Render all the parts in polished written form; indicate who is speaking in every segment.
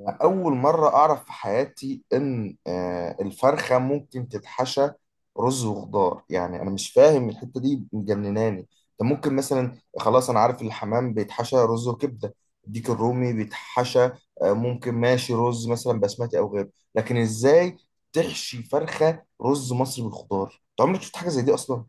Speaker 1: أنا أول مرة أعرف في حياتي إن الفرخة ممكن تتحشى رز وخضار. يعني أنا مش فاهم الحتة دي، مجنناني. أنت ممكن مثلا، خلاص أنا عارف الحمام بيتحشى رز وكبدة، الديك الرومي بيتحشى، ممكن ماشي رز مثلا بسمتي أو غيره، لكن إزاي تحشي فرخة رز مصري بالخضار؟ أنت عمرك شفت حاجة زي دي أصلا؟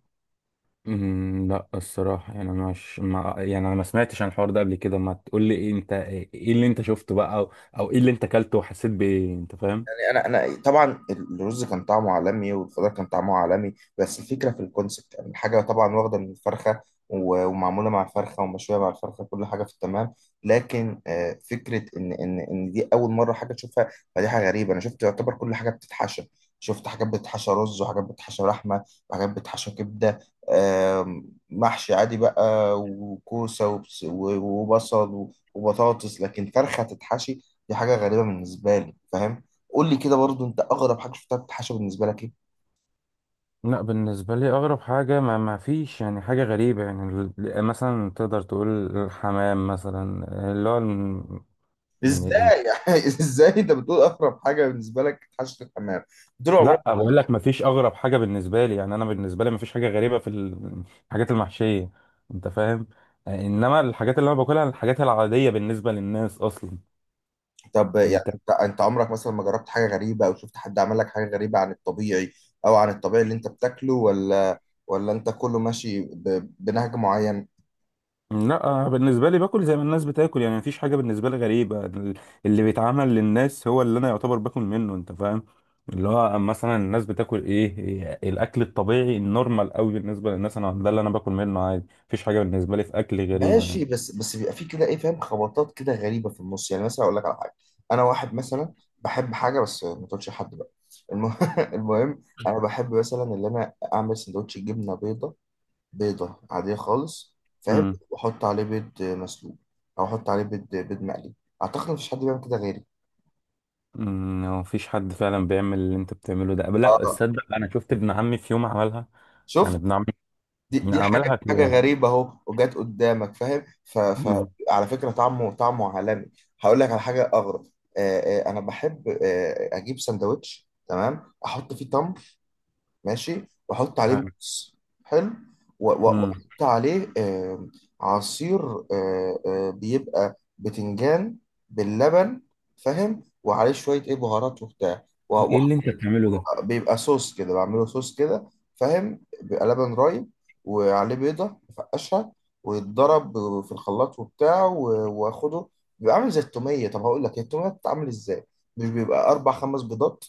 Speaker 2: لا الصراحة يعني أنا مش ما يعني أنا ما سمعتش عن الحوار ده قبل كده. ما تقول لي إيه أنت، إيه اللي أنت شفته بقى أو إيه اللي أنت أكلته وحسيت بإيه؟ أنت فاهم؟
Speaker 1: يعني انا طبعا الرز كان طعمه عالمي والخضار كان طعمه عالمي، بس الفكره في الكونسبت. يعني الحاجه طبعا واخده من الفرخه ومعموله مع الفرخه ومشويه مع الفرخه، كل حاجه في التمام. لكن فكره ان دي اول مره حاجه تشوفها. فدي حاجه غريبه. انا شفت يعتبر كل حاجه بتتحشى، شفت حاجات بتتحشى رز، وحاجات بتتحشى لحمه، وحاجات بتتحشى كبده، محشي عادي بقى وكوسه وبصل وبطاطس، لكن فرخه تتحشي، دي حاجه غريبه بالنسبه لي، فاهم؟ قول لي كده برضو، انت اغرب حاجه شفتها بتتحشى بالنسبه لك ايه؟
Speaker 2: لا بالنسبة لي أغرب حاجة ما فيش يعني حاجة غريبة. يعني مثلا تقدر تقول الحمام مثلا، اللي هو يعني
Speaker 1: ازاي يعني؟ ازاي انت بتقول اغرب حاجه بالنسبه لك تحشي الحمام؟ طول
Speaker 2: لا،
Speaker 1: عمرك.
Speaker 2: بقول لك ما فيش أغرب حاجة بالنسبة لي. يعني أنا بالنسبة لي ما فيش حاجة غريبة في الحاجات المحشية، أنت فاهم؟ إنما الحاجات اللي أنا باكلها الحاجات العادية بالنسبة للناس أصلا.
Speaker 1: طب يعني، انت عمرك مثلا ما جربت حاجه غريبه، او شفت حد عمل لك حاجه غريبه عن الطبيعي، او عن الطبيعي اللي انت بتاكله؟ ولا انت كله ماشي بنهج معين؟
Speaker 2: لا، أنا بالنسبة لي باكل زي ما الناس بتاكل، يعني مفيش حاجة بالنسبة لي غريبة. اللي بيتعمل للناس هو اللي أنا يعتبر باكل منه، أنت فاهم؟ اللي هو مثلا الناس بتاكل إيه، إيه الأكل الطبيعي النورمال قوي بالنسبة للناس، أنا ده اللي أنا باكل منه عادي. مفيش حاجة بالنسبة لي في أكل غريبة يعني.
Speaker 1: ماشي، بس بيبقى في كده ايه، فاهم، خبطات كده غريبه في النص. يعني مثلا اقول لك على حاجه، انا واحد مثلا بحب حاجه، بس ما تقولش لحد بقى. الم... المهم، انا بحب مثلا ان انا اعمل سندوتش جبنه بيضه، بيضة عادية خالص، فاهم،
Speaker 2: امم
Speaker 1: وأحط عليه بيض مسلوق، أو أحط عليه بيض مقلي. أعتقد مفيش حد بيعمل كده غيري.
Speaker 2: أمم، هو مفيش حد فعلا بيعمل اللي أنت بتعمله ده، لا
Speaker 1: آه،
Speaker 2: تصدق. أنا شفت ابن عمي في يوم عملها. يعني
Speaker 1: شفت،
Speaker 2: ابن عمي
Speaker 1: دي حاجة
Speaker 2: عملها في
Speaker 1: حاجة
Speaker 2: يوم.
Speaker 1: غريبة أهو وجت قدامك، فاهم، ف... ف
Speaker 2: أمم.
Speaker 1: على فكرة طعمه عالمي. هقول لك على حاجة أغرب. آه أنا بحب أجيب سندوتش، تمام، أحط فيه تمر، ماشي، واحط عليه
Speaker 2: حلو.
Speaker 1: موز، حلو،
Speaker 2: أمم.
Speaker 1: واحط عليه عصير، بيبقى بتنجان باللبن، فاهم، وعليه شويه ايه بهارات وبتاع.
Speaker 2: إيه اللي أنت بتعمله ده؟
Speaker 1: بيبقى صوص كده، بعمله صوص كده، فاهم. بيبقى لبن رايب وعليه بيضة بفقشها، ويتضرب في الخلاط وبتاع واخده. بيبقى عامل زي التومية. طب هقول لك، هي التومية بتتعمل ازاي؟ مش بيبقى أربع خمس بيضات،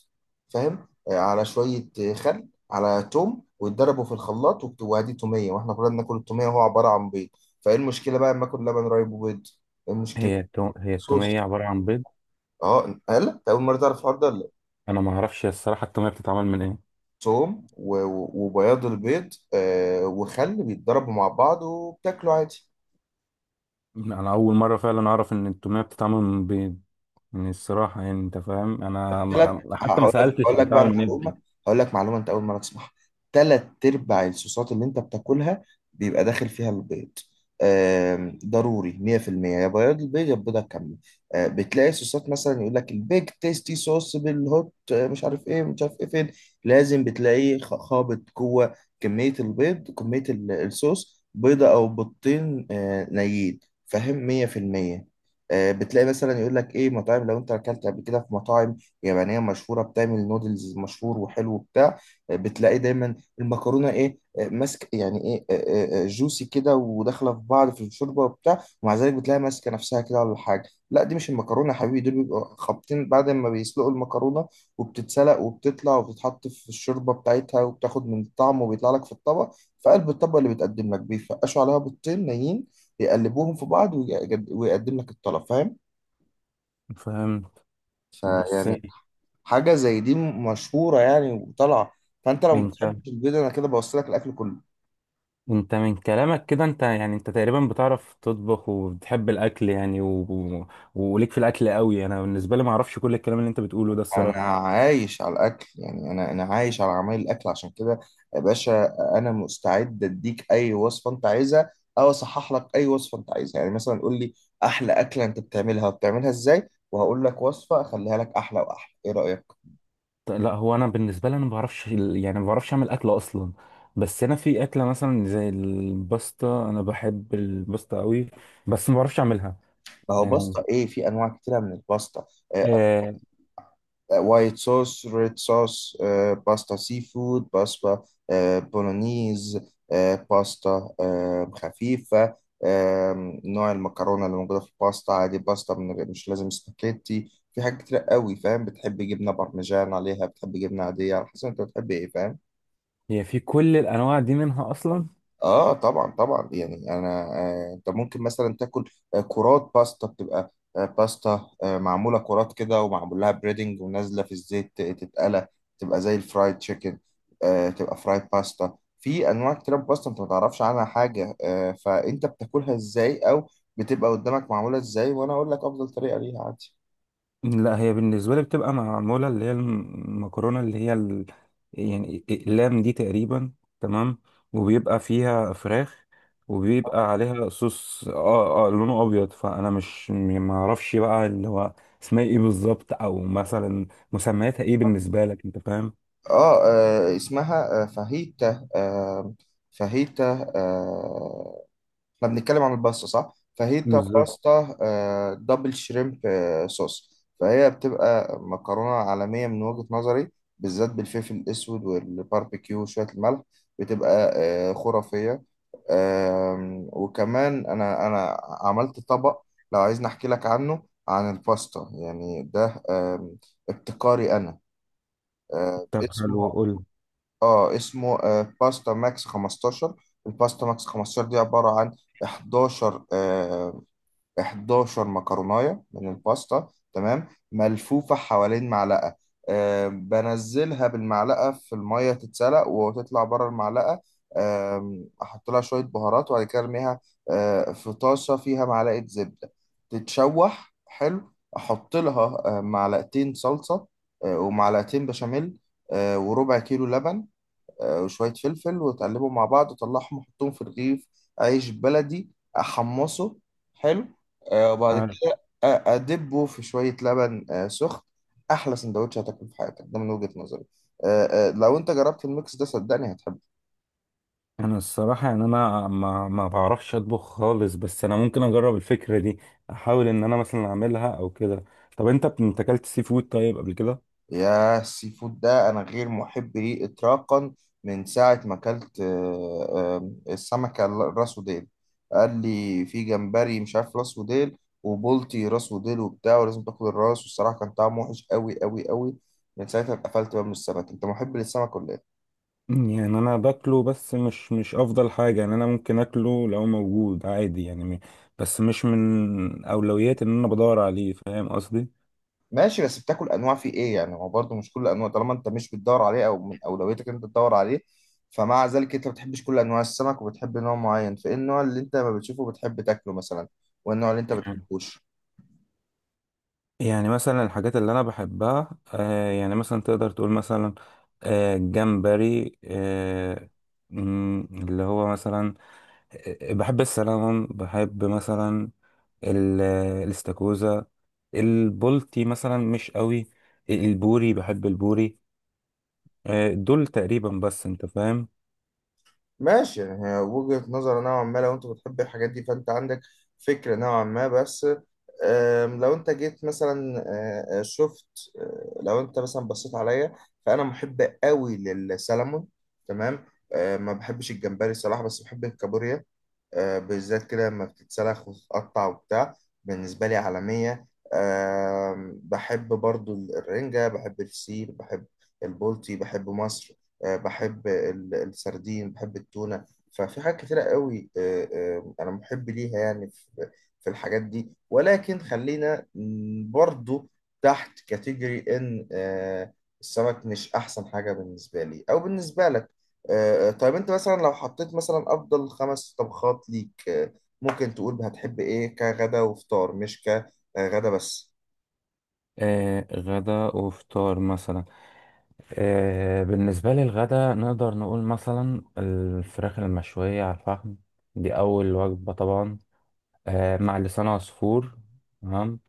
Speaker 1: فاهم، على شوية، خل على توم، ويتضربوا في الخلاط وادي تومية. واحنا كلنا بناكل التومية، وهو عبارة عن بيض. فايه المشكلة بقى لما اكل لبن رايب وبيض؟ إيه المشكلة؟
Speaker 2: هي التومية
Speaker 1: صوص.
Speaker 2: عبارة عن بيض؟
Speaker 1: اه، قال، أنت أول مرة تعرف الحوار ده ولا؟
Speaker 2: انا ما اعرفش الصراحه التوميه بتتعمل من ايه.
Speaker 1: ثوم وبياض البيض وخل، بيتضربوا مع بعض وبتاكلوا عادي.
Speaker 2: انا اول مره فعلا اعرف ان التوميه بتتعمل من بيض. يعني الصراحه، يعني انت فاهم، انا
Speaker 1: ثلاث.
Speaker 2: ما- حتى ما
Speaker 1: هقول لك
Speaker 2: سالتش
Speaker 1: هقول
Speaker 2: هي
Speaker 1: لك
Speaker 2: بتتعمل
Speaker 1: بقى
Speaker 2: من ايه.
Speaker 1: معلومه، هقول لك معلومه انت اول مره تسمعها. ثلاث ارباع الصوصات اللي انت بتاكلها بيبقى داخل فيها البيض. ضروري 100% يا بياض البيض يا البيضه كامله. بتلاقي صوصات مثلا يقول لك البيج تيستي صوص بالهوت، مش عارف ايه مش عارف ايه، فين لازم بتلاقيه خابط جوه كميه البيض، كميه الصوص بيضه او بيضتين نيين، فاهم، 100%. بتلاقي مثلا يقول لك ايه، مطاعم، لو انت اكلت قبل كده في مطاعم يابانية مشهورة بتعمل نودلز مشهور وحلو بتاع بتلاقي دايما المكرونة ايه، ماسك يعني ايه، جوسي كده وداخلة في بعض في الشوربة وبتاع، ومع ذلك بتلاقي ماسكة نفسها كده ولا حاجة. لا، دي مش المكرونة يا حبيبي، دول بيبقوا خابطين. بعد ما بيسلقوا المكرونة وبتتسلق وبتطلع وبتتحط في الشوربة بتاعتها وبتاخد من الطعم، وبيطلع لك في الطبق، في قلب الطبق اللي بيتقدم لك، بيفقشوا عليها بيضتين نيين، يقلبوهم في بعض، ويقدم لك الطلب، فاهم؟
Speaker 2: فاهم؟ بس
Speaker 1: فيعني حاجة زي دي مشهورة يعني وطالعة. فأنت لو ما
Speaker 2: انت،
Speaker 1: بتحبش البيض، أنا كده بوصل لك الأكل كله.
Speaker 2: من كلامك كده، انت يعني انت تقريبا بتعرف تطبخ وبتحب الاكل يعني و... و... وليك في الاكل قوي. انا بالنسبه لي ما اعرفش كل الكلام اللي انت بتقوله ده
Speaker 1: أنا
Speaker 2: الصراحه.
Speaker 1: عايش على الأكل. يعني أنا عايش على عمايل الأكل، عشان كده يا باشا أنا مستعد أديك أي وصفة أنت عايزها، أو أصحح لك أي وصفة أنت عايزها. يعني مثلا قول لي أحلى أكلة أنت بتعملها وبتعملها إزاي، وهقول لك وصفة أخليها لك أحلى وأحلى. إيه رأيك؟
Speaker 2: لا، هو انا بالنسبه لي انا ما بعرفش يعني ما بعرفش اعمل اكل اصلا. بس انا في اكله مثلا زي الباستا، انا بحب الباستا قوي بس ما بعرفش اعملها.
Speaker 1: ما هو
Speaker 2: يعني
Speaker 1: باستا إيه، في أنواع كتيرة من الباستا، آه،
Speaker 2: آه.
Speaker 1: وايت صوص، ريد صوص، باستا سي فود، باستا بولونيز، باستا خفيفة، نوع المكرونة اللي موجودة في الباستا عادي، باستا من غير، مش لازم سباكيتي، في حاجات كتير قوي، فاهم. بتحب جبنة بارميجان عليها، بتحب جبنة عادية، على حسب انت بتحب ايه، فاهم.
Speaker 2: هي في كل الانواع دي منها اصلا؟
Speaker 1: اه طبعا طبعا. يعني انا انت ممكن مثلا تاكل كرات باستا، بتبقى باستا معموله كرات كده ومعمول لها بريدنج ونازله في الزيت تتقلى، تبقى زي الفرايد تشيكن، تبقى فرايد باستا. في انواع كتير من باستا انت ما تعرفش عنها حاجه. فانت بتاكلها ازاي، او بتبقى قدامك معموله ازاي، وانا اقول لك افضل طريقه ليها عادي.
Speaker 2: لا، هي بالنسبة لي بتبقى معمولة اللي هي المكرونة، اللي هي ال... يعني اللام دي تقريبا، تمام. وبيبقى فيها فراخ وبيبقى عليها صوص، اه اه، لونه ابيض. فانا مش م- ما اعرفش بقى اللي هو اسمها ايه بالظبط، او مثلا مسمياتها ايه بالنسبة لك، انت فاهم؟
Speaker 1: اسمها فاهيتا. فاهيتا. احنا بنتكلم عن الباستا صح؟ فاهيتا
Speaker 2: بالظبط.
Speaker 1: باستا دبل شريمب صوص، فهي بتبقى مكرونة عالمية من وجهة نظري، بالذات بالفلفل الأسود والباربيكيو وشوية الملح. بتبقى خرافية. وكمان أنا عملت طبق، لو عايزني أحكي لك عنه عن الباستا، يعني ده ابتكاري أنا،
Speaker 2: طب حلو،
Speaker 1: اسمه،
Speaker 2: قول.
Speaker 1: اه اسمه باستا ماكس 15. الباستا ماكس 15 دي عبارة عن 11، 11 مكروناية من الباستا، تمام، ملفوفة حوالين معلقة. بنزلها بالمعلقة في المية، تتسلق وتطلع بره المعلقة. أحط لها شوية بهارات، وبعد كده أرميها في طاسة فيها معلقة زبدة، تتشوح، حلو. أحط لها معلقتين صلصة ومعلقتين بشاميل وربع كيلو لبن وشوية فلفل، وتقلبهم مع بعض وطلعهم وحطهم في رغيف عيش بلدي أحمصه، حلو، وبعد كده أدبه في شوية لبن سخن. أحلى سندوتش هتاكله في حياتك ده من وجهة نظري. لو أنت جربت الميكس ده صدقني هتحبه.
Speaker 2: انا الصراحه يعني انا ما بعرفش اطبخ خالص، بس انا ممكن اجرب الفكره دي. احاول ان انا مثلا اعملها او كده. طب انت اكلت سي فود طيب قبل كده؟
Speaker 1: يا، السي فود ده انا غير محب ليه اطلاقا. من ساعه ما اكلت السمكه راس وديل، قال لي في جمبري مش عارف راس وديل، وبولتي راس وديل وبتاع، ولازم تاكل الراس، والصراحه كان طعمه وحش قوي قوي قوي. من ساعتها اتقفلت بقى من السمك. انت محب للسمك ولا ايه؟
Speaker 2: مم، يعني انا باكله بس مش افضل حاجه. يعني انا ممكن اكله لو موجود عادي، يعني بس مش من اولوياتي ان انا بدور عليه، فاهم قصدي؟
Speaker 1: ماشي، بس بتاكل انواع في ايه يعني؟ هو برضه مش كل انواع، طالما انت مش بتدور عليه، او من اولويتك انت تدور عليه، فمع ذلك انت ما بتحبش كل انواع السمك، وبتحب نوع معين. فايه النوع اللي انت ما بتشوفه بتحب تاكله مثلا، والنوع اللي انت ما
Speaker 2: يعني
Speaker 1: بتحبوش؟
Speaker 2: يعني مثلا الحاجات اللي انا بحبها، آه، يعني مثلا تقدر تقول مثلا آه، جمبري، آه، مم، اللي هو مثلا بحب السلمون، بحب مثلا ال- الاستاكوزا، البولتي مثلا مش قوي، البوري، بحب البوري. آه، دول تقريبا بس، انت فاهم.
Speaker 1: ماشي، يعني هي وجهة نظر نوعا ما. لو انت بتحب الحاجات دي، فانت عندك فكرة نوعا ما. بس لو انت جيت مثلا شفت آه، لو انت مثلا بصيت عليا، فانا محب قوي للسلمون، تمام. ما بحبش الجمبري الصراحة، بس بحب الكابوريا، بالذات كده لما بتتسلخ وتتقطع وبتاع، بالنسبة لي عالمية. بحب برضو الرنجة، بحب الفسيخ، بحب البولتي، بحب مصر، بحب السردين، بحب التونة. ففي حاجات كتيرة قوي أنا محب ليها، يعني في الحاجات دي، ولكن خلينا برضو تحت كاتيجوري إن السمك مش أحسن حاجة بالنسبة لي أو بالنسبة لك. طيب انت مثلا، لو حطيت مثلا افضل خمس طبخات ليك، ممكن تقول هتحب ايه كغدا وفطار، مش كغدا بس.
Speaker 2: آه، غدا وفطار مثلا. آه، بالنسبة لي الغدا نقدر نقول مثلا الفراخ المشوية على الفحم، دي أول وجبة طبعا، آه، مع لسان عصفور، تمام.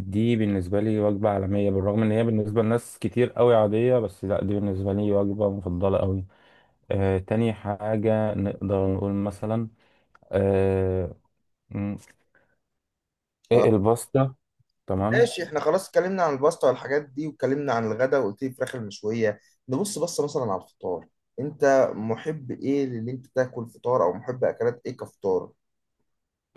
Speaker 2: دي بالنسبة لي وجبة عالمية، بالرغم إن هي بالنسبة لناس كتير قوي عادية، بس لأ، دي بالنسبة لي وجبة مفضلة قوي. آه، تاني حاجة نقدر نقول مثلا آه، م-
Speaker 1: آه،
Speaker 2: إيه، الباستا، تمام.
Speaker 1: ماشي، احنا خلاص اتكلمنا عن الباستا والحاجات دي، واتكلمنا عن الغدا، وقلت لي الفراخ المشوية. نبص مثلا على الفطار، انت محب ايه اللي انت تاكل فطار، او محب اكلات ايه كفطار؟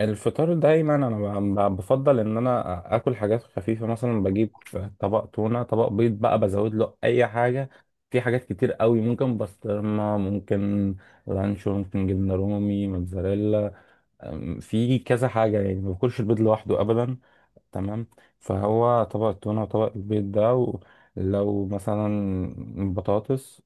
Speaker 2: الفطار دايما أنا بفضل إن أنا آكل حاجات خفيفة. مثلا بجيب طبق تونة، طبق بيض بقى بزود له أي حاجة، في حاجات كتير قوي، ممكن بسطرمة، ممكن لانشون، ممكن جبنة رومي، موتزاريلا. أم، في كذا حاجة، يعني ما باكلش البيض لوحده أبدا، تمام. فهو طبق التونة وطبق البيض ده، ولو مثلا بطاطس،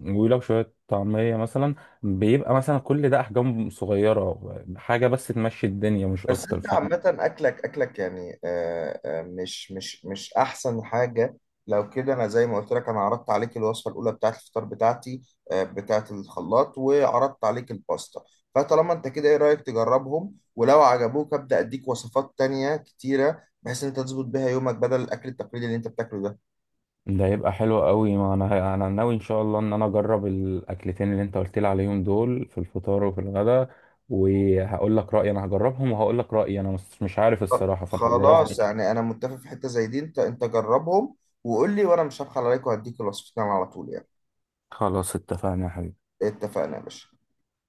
Speaker 2: ولو شوية طعمية مثلا، بيبقى مثلا كل ده أحجام صغيرة، حاجة بس تمشي الدنيا مش
Speaker 1: بس
Speaker 2: أكتر،
Speaker 1: انت
Speaker 2: فاهم؟
Speaker 1: عامة اكلك يعني مش احسن حاجة. لو كده، انا زي ما قلت لك، انا عرضت عليك الوصفة الاولى بتاعت الفطار بتاعتي، بتاعت الخلاط، وعرضت عليك الباستا. فطالما انت كده، ايه رأيك تجربهم؟ ولو عجبوك ابدأ اديك وصفات تانية كتيرة، بحيث ان انت تظبط بيها يومك بدل الاكل التقليدي اللي انت بتاكله ده.
Speaker 2: ده يبقى حلو قوي. ما أنا، أنا ناوي إن شاء الله إن أنا أجرب الأكلتين اللي أنت قلت لي عليهم دول، في الفطار وفي الغداء، وهقول لك رأيي. أنا هجربهم وهقول لك رأيي، أنا مش عارف الصراحة، فأنا هجربهم.
Speaker 1: خلاص، يعني انا متفق، في حتة زي دي انت جربهم وقول لي، وانا مش هبخل عليك، وهديك الوصفتين على طول يعني.
Speaker 2: خلاص، اتفقنا يا حبيبي.
Speaker 1: اتفقنا يا باشا.